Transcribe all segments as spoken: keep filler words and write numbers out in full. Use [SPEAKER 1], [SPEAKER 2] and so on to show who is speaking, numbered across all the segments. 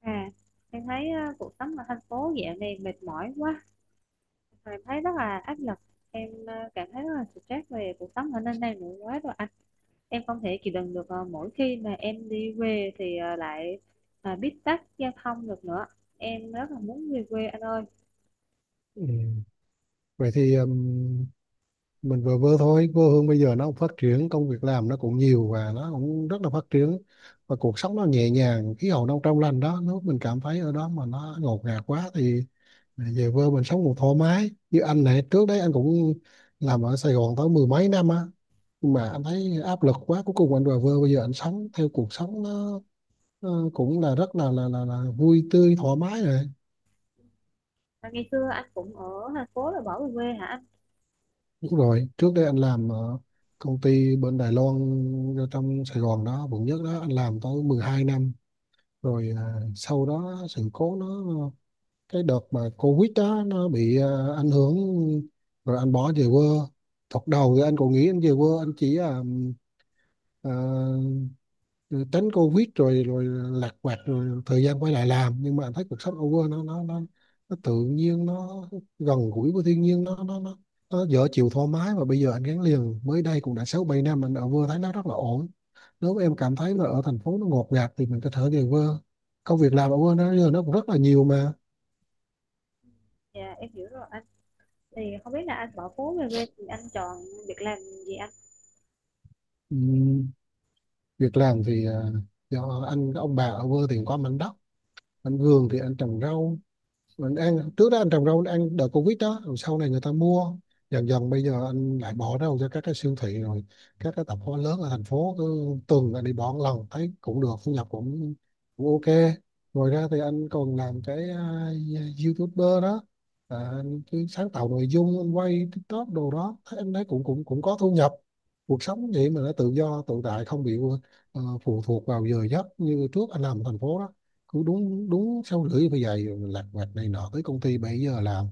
[SPEAKER 1] À, em thấy ờ, cuộc sống ở thành phố dạo này mệt mỏi quá, em thấy rất là áp lực, em ờ, cảm thấy rất là stress về cuộc sống ở nơi này nữa quá rồi anh. Em không thể chịu đựng được ờ, mỗi khi mà em đi về thì ờ, lại ờ, bít tắc giao thông được nữa. Em rất là muốn về quê anh ơi.
[SPEAKER 2] Ừ. Vậy thì um, mình vừa vừa thôi, quê hương bây giờ nó cũng phát triển, công việc làm nó cũng nhiều và nó cũng rất là phát triển, và cuộc sống nó nhẹ nhàng, khí hậu nó trong lành đó. Nếu mình cảm thấy ở đó mà nó ngột ngạt quá thì về quê mình sống cũng thoải mái. Như anh này, trước đấy anh cũng làm ở Sài Gòn tới mười mấy năm á, nhưng mà anh thấy áp lực quá, cuối cùng anh về quê. Bây giờ anh sống theo cuộc sống nó, nó cũng là rất là là là, là vui tươi thoải mái rồi.
[SPEAKER 1] Mà ngày xưa anh cũng ở thành phố rồi bỏ về quê hả anh?
[SPEAKER 2] Đúng rồi, trước đây anh làm ở công ty bên Đài Loan ở trong Sài Gòn đó, quận nhất đó, anh làm tới mười hai năm. Rồi à, sau đó sự cố nó, cái đợt mà Covid đó nó bị à, ảnh hưởng, rồi anh bỏ về quê. Thật đầu thì anh còn nghĩ anh về quê, anh chỉ à, ờ, rồi tránh Covid rồi rồi lạc quạt rồi thời gian quay lại làm. Nhưng mà anh thấy cuộc sống ở quê nó nó nó nó tự nhiên, nó gần gũi với thiên nhiên, nó nó nó nó dở chịu thoải mái. Và bây giờ anh gắn liền mới đây cũng đã sáu bảy năm anh ở quê thấy nó rất là ổn. Nếu mà em cảm thấy là ở thành phố nó ngột ngạt thì mình có thể về quê, công việc làm ở quê nó giờ nó cũng rất là nhiều mà.
[SPEAKER 1] Dạ em hiểu rồi anh. Thì không biết là anh bỏ phố về quê thì anh chọn việc làm gì anh?
[SPEAKER 2] Ừm, Việc làm thì à, do anh ông bà ở quê thì có mảnh đất, anh vườn thì anh trồng rau mình ăn. Trước đó anh trồng rau anh ăn đợt Covid đó, rồi sau này người ta mua, dần dần bây giờ anh lại bỏ rau cho các cái siêu thị rồi các cái tạp hóa lớn ở thành phố. Cứ tuần anh đi bỏ một lần, thấy cũng được, thu nhập cũng cũng ok. Ngoài ra thì anh còn làm cái à, YouTuber đó. À, anh cứ sáng tạo nội dung, anh quay TikTok đồ đó, thấy anh thấy cũng cũng cũng có thu nhập. Cuộc sống vậy mà nó tự do tự tại, không bị ờ, phụ thuộc vào giờ giấc như trước anh làm ở thành phố đó. Cứ đúng đúng sáu rưỡi bây giờ lặt vặt này nọ tới công ty bảy giờ làm,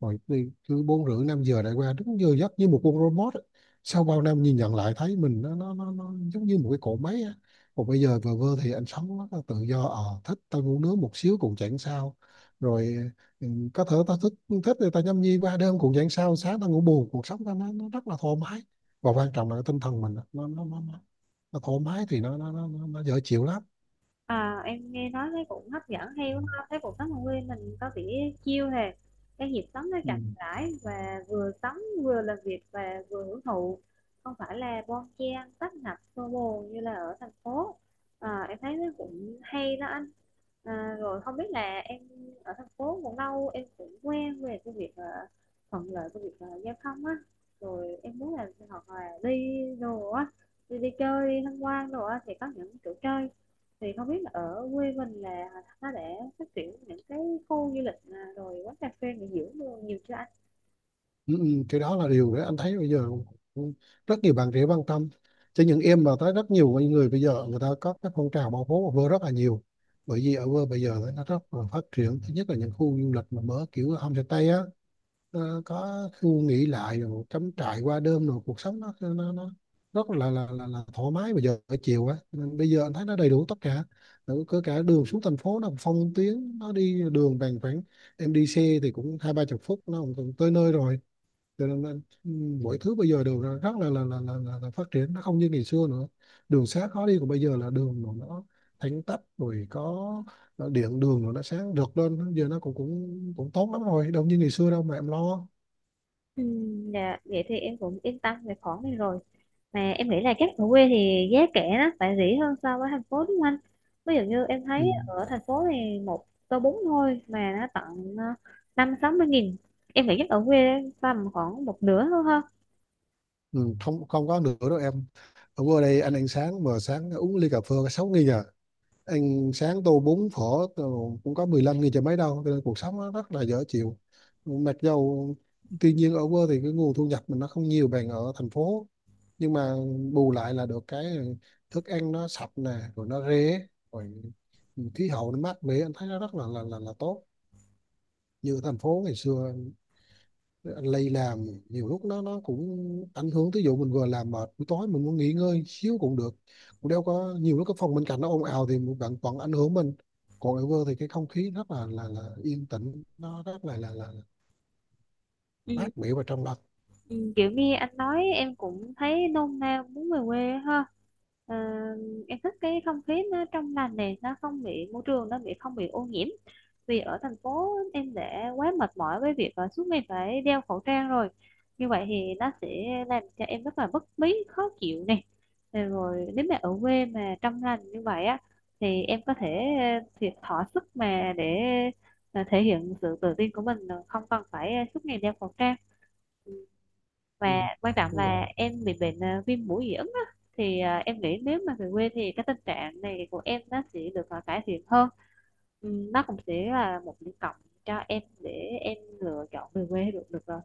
[SPEAKER 2] rồi đi cứ bốn rưỡi năm giờ lại qua, đúng giờ giấc như một con robot á. Sau bao năm nhìn nhận lại thấy mình nó nó nó, nó giống như một cái cỗ máy á. Còn bây giờ vờ vơ thì anh sống rất là tự do, ờ thích tao ngủ nướng một xíu cũng chẳng sao. Rồi ừ, có thể tao thích, thích thì tao nhâm nhi qua đêm cũng chẳng sao, sáng tao ngủ bù. Cuộc sống tao nó, nó rất là thoải mái. Và quan trọng là cái tinh thần mình á, nó nó nó nó, nó thoải mái thì nó nó nó nó, nó dễ chịu lắm.
[SPEAKER 1] À, em nghe nói thấy cũng hấp dẫn hay quá ha. Thấy cuộc sống ở quê mình có vẻ chill hè, cái nhịp sống nó
[SPEAKER 2] Ừ.
[SPEAKER 1] chậm rãi và vừa sống vừa làm việc và vừa hưởng thụ, không phải là bon chen tấp nập xô bồ như là ở thành phố. À, em thấy nó cũng hay đó anh. À, rồi không biết là em ở thành phố cũng lâu, em cũng quen về cái việc ờ, thuận lợi cái việc ờ, giao thông á, rồi em muốn là hoặc là đi đồ á, đi, đi chơi đi tham quan đồ á thì có những chỗ chơi, thì không biết là ở quê mình là nó đã phát triển những cái khu du lịch à, rồi quán cà phê nghỉ dưỡng đồ nhiều chưa anh?
[SPEAKER 2] Ừ, ừ, cái đó là điều đấy anh thấy bây giờ rất nhiều bạn trẻ quan tâm, cho những em mà tới rất nhiều người. Bây giờ người ta có các phong trào bảo phố ở vơ rất là nhiều, bởi vì ở vơ bây giờ nó rất là phát triển. Thứ nhất là những khu du lịch mà mở kiểu homestay á, nó có khu nghỉ lại rồi cắm trại qua đêm, rồi cuộc sống nó nó, nó rất là là, là là thoải mái bây giờ ở chiều á. Nên bây giờ anh thấy nó đầy đủ tất cả. Rồi có cả đường xuống thành phố, nó phong tuyến, nó đi đường bằng khoảng em đi xe thì cũng hai ba chục phút nó cũng tới nơi rồi. Cho nên là, ừm, mọi thứ bây giờ đều là rất là là, là là là là phát triển, nó không như ngày xưa nữa. Đường xá khó đi của bây giờ là đường rồi, nó thẳng tắp, rồi có ờ, điện đường, rồi nó sáng rực lên, giờ nó cũng cũng cũng tốt lắm rồi, đâu như ngày xưa đâu mà em lo.
[SPEAKER 1] Ừ, dạ, vậy thì em cũng yên tâm về khoản này rồi. Mà em nghĩ là chắc ở quê thì giá cả nó phải rẻ hơn so với thành phố đúng không anh? Ví dụ như em
[SPEAKER 2] Ừ.
[SPEAKER 1] thấy ở thành phố thì một tô bún thôi mà nó tận ờ, năm sáu mươi nghìn. Em nghĩ chắc ở quê tầm khoảng một nửa thôi ha.
[SPEAKER 2] Ừ, không không có nữa đâu em. Ở qua đây anh ăn sáng mà sáng uống ly cà phê sáu nghìn à. Ăn sáng tô bún phở đồ cũng có mười lăm nghìn, chả mấy đâu. Cho nên cuộc sống nó rất là dở chịu. Mặc dầu, tuy nhiên ở quê thì cái nguồn thu nhập mình nó không nhiều bằng ở thành phố, nhưng mà bù lại là được cái thức ăn nó sạch nè, rồi nó rẻ, rồi khí hậu nó mát mẻ, anh thấy nó rất là là là, là tốt. Như ở thành phố ngày xưa lây làm nhiều lúc nó nó cũng ảnh hưởng. Ví dụ mình vừa làm mệt buổi tối mình muốn nghỉ ngơi xíu cũng được, cũng đâu có. Nhiều lúc cái phòng bên cạnh nó ồn ào thì bạn vẫn ảnh hưởng mình. Còn ở vơ thì cái không khí rất là là, là yên tĩnh, nó rất là là là,
[SPEAKER 1] Ừ.
[SPEAKER 2] mát mẻ và trong lành.
[SPEAKER 1] Ừ, kiểu như anh nói em cũng thấy nôn nao muốn về quê á ha. Ờ, em thích cái không khí nó trong lành này, nó không bị môi trường nó bị không bị ô nhiễm, vì ở thành phố em đã quá mệt mỏi với việc ờ, suốt ngày phải đeo khẩu trang rồi, như vậy thì nó sẽ làm cho em rất là bất bí khó chịu này. Ờ, rồi nếu mà ở quê mà trong lành như vậy á thì em có thể ờ, thiệt thỏa sức mà để ờ, thể hiện sự tự tin của mình, ờ, không cần phải ờ, suốt ngày đeo khẩu trang. Ừ,
[SPEAKER 2] Ừ.
[SPEAKER 1] và quan trọng
[SPEAKER 2] đúng rồi
[SPEAKER 1] là em bị bệnh ờ, viêm mũi dị ứng á, thì ờ, em nghĩ nếu mà về quê thì cái tình trạng này của em nó sẽ được ờ, cải thiện hơn. Ừm, nó cũng sẽ là một điểm cộng cho em để em lựa chọn về quê được được rồi.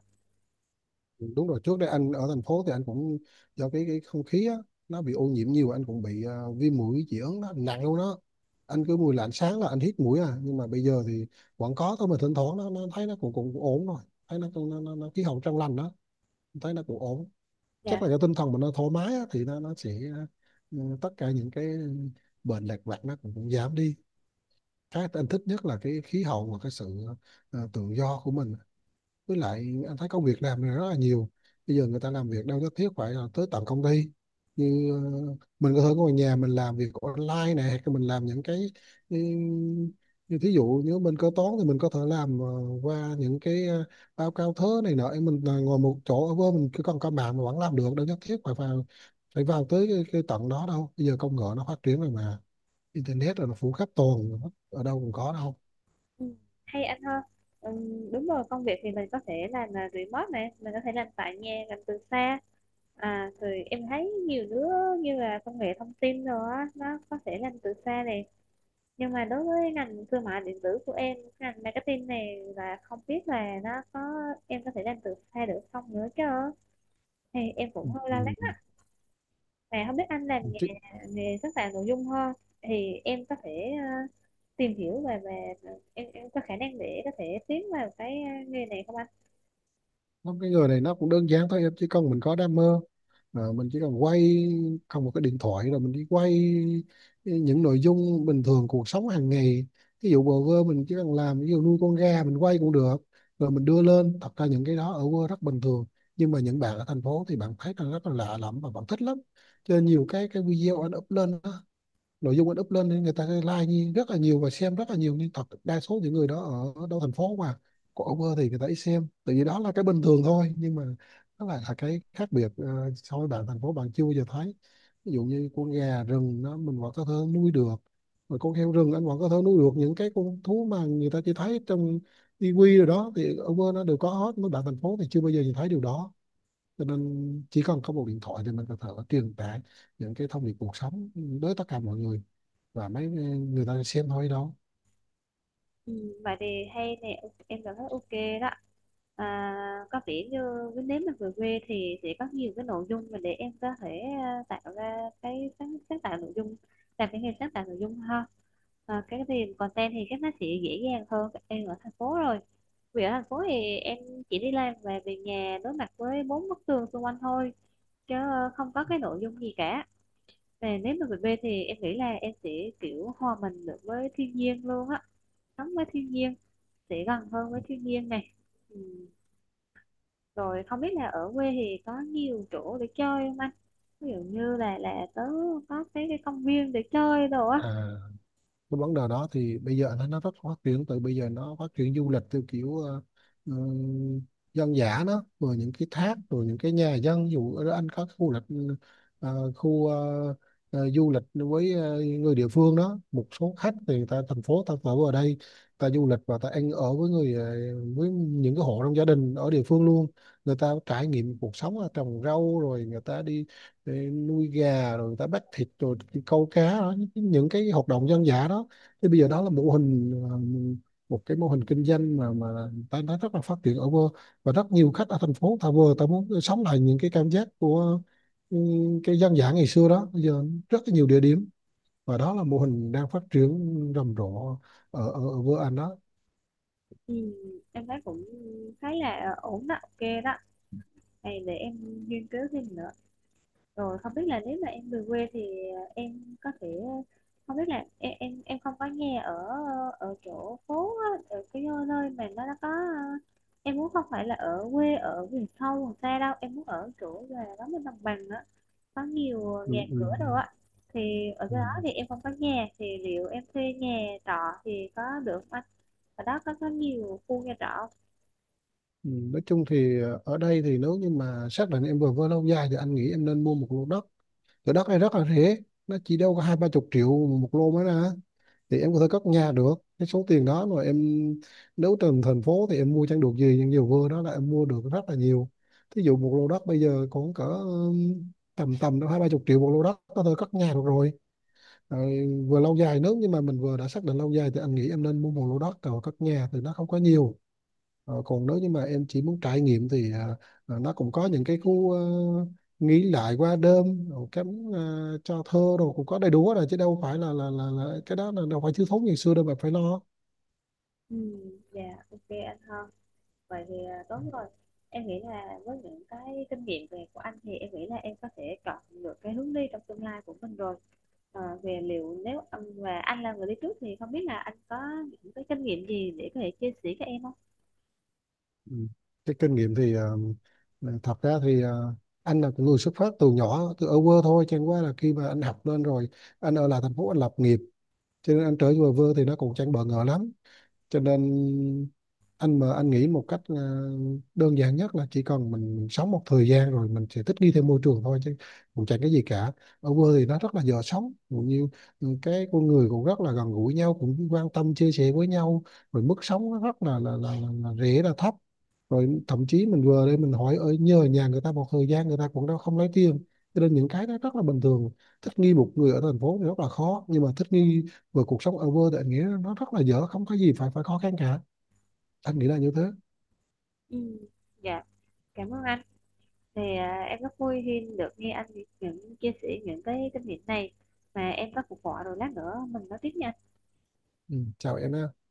[SPEAKER 2] Đúng rồi, trước đây anh ở thành phố thì anh cũng do cái cái không khí á, nó bị ô nhiễm nhiều, anh cũng bị ờ, viêm mũi dị ứng, nó nặng luôn đó. Anh cứ mùi lạnh sáng là anh hít mũi à. Nhưng mà bây giờ thì vẫn có thôi, mà thỉnh thoảng nó, nó thấy nó cũng cũng cũng ổn rồi. Thấy nó nó, nó, nó khí hậu trong lành đó, thấy nó cũng ổn. Chắc
[SPEAKER 1] Dạ.
[SPEAKER 2] là cái tinh thần mình nó thoải mái á, thì nó nó sẽ, ừ, tất cả những cái bệnh lặt vặt nó cũng, cũng giảm đi. Cái anh thích nhất là cái khí hậu và cái sự ờ, tự do của mình. Với lại anh thấy công việc làm này rất là nhiều. Bây giờ người ta làm việc đâu nhất thiết phải là tới tận công ty. Như ờ, mình có thể ngồi nhà mình làm việc online này, hay mình làm những cái, ừ, như thí dụ nếu mình kế toán thì mình có thể làm ờ, qua những cái ờ, báo cáo thớ này nọ. Mình là ngồi một chỗ ở bên mình, cứ còn có mạng mà vẫn làm được, đâu nhất thiết phải vào, phải vào tới cái, cái tận đó đâu. Bây giờ công nghệ nó phát triển rồi mà, internet rồi nó phủ khắp toàn, ở đâu cũng có đâu.
[SPEAKER 1] Ừm, hay anh ha. Ừm, đúng rồi, công việc thì mình có thể làm uh, remote này, mình có thể làm tại nhà, làm từ xa. À rồi em thấy nhiều đứa như là công nghệ thông tin rồi á nó có thể làm từ xa này, nhưng mà đối với ngành thương mại điện tử của em ngành marketing này là không biết là nó có em có thể làm được hay được không nữa chứ, thì em cũng hơi lo lắng á. Mà không biết anh làm nghề
[SPEAKER 2] Ừ.
[SPEAKER 1] nghề sáng tạo nội dung hơn thì em có thể ờ, tìm hiểu về về em em có khả năng để có thể tiến vào cái ờ, nghề này không anh?
[SPEAKER 2] Không, cái người này nó cũng đơn giản thôi, em chỉ cần mình có đam mê. À, mình chỉ cần quay không một cái điện thoại rồi mình đi quay những nội dung bình thường cuộc sống hàng ngày. Ví dụ bờ vơ mình chỉ cần làm, ví dụ nuôi con gà mình quay cũng được, rồi mình đưa lên. Thật ra những cái đó ở quê rất bình thường, nhưng mà những bạn ở thành phố thì bạn thấy là rất là lạ lẫm và bạn thích lắm. Cho nên nhiều cái cái video anh up lên đó, nội dung anh up lên nên người ta like như rất là nhiều và xem rất là nhiều. Nhưng thật đa số những người đó ở đâu thành phố mà, còn over thì người ta ít xem, tại vì đó là cái bình thường thôi. Nhưng mà nó lại là cái khác biệt ờ, so với bạn thành phố, bạn chưa bao giờ thấy. Ví dụ như con gà rừng nó mình vẫn có thể nuôi được, rồi con heo rừng anh vẫn có thể nuôi được. Những cái con thú mà người ta chỉ thấy trong tivi rồi đó thì over nó đều có hết, mấy bạn thành phố thì chưa bao giờ nhìn thấy điều đó. Cho nên chỉ cần có một điện thoại thì mình có thể truyền tải những cái thông điệp cuộc sống đến tất cả mọi người, và mấy người ta xem thôi đó.
[SPEAKER 1] Ừ, vậy thì hay nè, ok, em cảm thấy ok đó. À, có vẻ như cái nếu mà về quê thì sẽ có nhiều cái nội dung mà để em có thể à, tạo ra cái sáng, sáng tạo nội dung, làm cái nghề sáng tạo nội dung ha. À, cái thì content thì chắc nó sẽ dễ dàng hơn em ở thành phố rồi, vì ở thành phố thì em chỉ đi làm và về nhà đối mặt với bốn bức tường xung quanh thôi, chứ ờ, không có cái nội dung gì cả. Và nếu mà về quê thì em nghĩ là em sẽ kiểu hòa mình được với thiên nhiên luôn á, sống với thiên nhiên, sẽ gần hơn với thiên nhiên này. Ừ. Rồi không biết là ở quê thì có nhiều chỗ để chơi không anh, ví dụ như là là tớ có cái, cái công viên để chơi đồ
[SPEAKER 2] À,
[SPEAKER 1] á.
[SPEAKER 2] cái vấn đề đó thì bây giờ nó nó rất phát triển. Từ bây giờ nó phát triển du lịch theo kiểu ờ, ừ, dân dã đó, rồi những cái thác, rồi những cái nhà dân. Ví dụ ở đó anh có khu lịch, ờ, khu ờ, ờ, du lịch với ờ, người địa phương đó. Một số khách thì người ta thành phố ta ở ở đây, ta du lịch và ta ăn ở với người, ờ, với những cái hộ trong gia đình ở địa phương luôn. Người ta trải nghiệm cuộc sống là trồng rau, rồi người ta đi để nuôi gà, rồi người ta bắt thịt, rồi đi câu cá đó, những những cái hoạt động dân dã đó. Thì bây giờ đó là mô hình, ờ, một cái mô hình kinh doanh mà mà ta nó rất là phát triển ở vơ. Và rất nhiều khách ở thành phố người ta vừa ta muốn sống lại những cái cảm giác của, ừ, cái dân dã ngày xưa đó. Bây giờ rất là nhiều địa điểm, và đó là mô hình đang phát triển rầm rộ ở ở, ở vô Anh đó.
[SPEAKER 1] Ừ. Em thấy cũng thấy là ổn đó, ok đó. Này để em nghiên cứu thêm nữa. Rồi không biết là nếu mà em về quê thì ờ, em có thể ờ, không biết là em em, em không có nghe ở ở chỗ phố á, ở cái nơi mà nó nó có ờ, em muốn không phải là ở quê ở vùng sâu vùng xa đâu, em muốn ở chỗ là đó bên đồng bằng á, có nhiều
[SPEAKER 2] Ừ,
[SPEAKER 1] nhà
[SPEAKER 2] ừ,
[SPEAKER 1] cửa đâu á, thì ở
[SPEAKER 2] ừ.
[SPEAKER 1] cái đó thì em không có nhà thì liệu em thuê nhà trọ thì có được không anh? Ở đó có có nhiều khu nhà trọ không?
[SPEAKER 2] Ừ, nói chung thì ờ, ở đây thì nếu như mà xác định em vừa với lâu dài thì anh nghĩ em nên mua một lô đất. Thửa đất này rất là rẻ, nó chỉ đâu có hai ba chục triệu một lô mới ra, thì em có thể cất nhà được. Cái số tiền đó mà em nếu trên thành phố thì em mua chẳng được gì, nhưng nhiều vừa đó là em mua được rất là nhiều. Thí dụ một lô đất bây giờ cũng cỡ ừm, tầm tầm đâu hai ba chục triệu một lô đất có thể cất nhà được rồi. Rồi vừa lâu dài, nếu như mà mình vừa đã xác định lâu dài thì anh nghĩ em nên mua một lô đất rồi cất nhà thì nó không có nhiều. Ờ, còn nếu như mà em chỉ muốn trải nghiệm thì à, à, nó cũng có những cái khu ờ, nghỉ lại qua đêm, rồi cái ờ, cho thơ rồi cũng có đầy đủ hết rồi, chứ đâu phải là là là, là cái đó là đâu phải thiếu thốn ngày xưa đâu mà phải lo.
[SPEAKER 1] Ừ. Dạ, ok anh Hân, vậy thì à, tốt rồi. Em nghĩ là với những cái kinh nghiệm về của anh thì em nghĩ là em có thể chọn được cái hướng đi trong tương lai của mình rồi. Ờ, về liệu nếu anh và anh là người đi trước thì không biết là anh có những cái kinh nghiệm gì để có thể chia sẻ cho em không?
[SPEAKER 2] Ừ. Cái kinh nghiệm thì ờ, là thật ra thì ờ, anh là cũng người xuất phát từ nhỏ từ ở quê thôi, chẳng qua là khi mà anh học lên rồi anh ở lại thành phố anh lập nghiệp. Cho nên anh trở về quê thì nó cũng chẳng bỡ ngỡ lắm. Cho nên anh mà anh nghĩ một cách là đơn giản nhất là chỉ cần mình mình sống một thời gian rồi mình sẽ thích nghi theo môi trường thôi, chứ cũng chẳng cái gì cả. Ở quê thì nó rất là dễ sống, cũng như, ừ, cái con người cũng rất là gần gũi nhau, cũng quan tâm chia sẻ với nhau. Rồi mức sống nó rất là là, là, là, là rẻ, là thấp. Rồi thậm chí mình vừa đây mình hỏi ở nhờ nhà người ta một thời gian, người ta cũng đâu không lấy tiền. Cho nên những cái đó rất là bình thường. Thích nghi một người ở thành phố thì rất là khó, nhưng mà thích nghi và cuộc sống ở vô tình anh nghĩ nó rất là dở, không có gì phải phải khó khăn cả. Anh nghĩ là như thế.
[SPEAKER 1] Ừ. Dạ cảm ơn anh, thì à, em rất vui khi được nghe anh những chia sẻ những cái kinh nghiệm này, mà em có cuộc gọi rồi lát nữa mình nói tiếp nha.
[SPEAKER 2] Ừ. Chào em ha.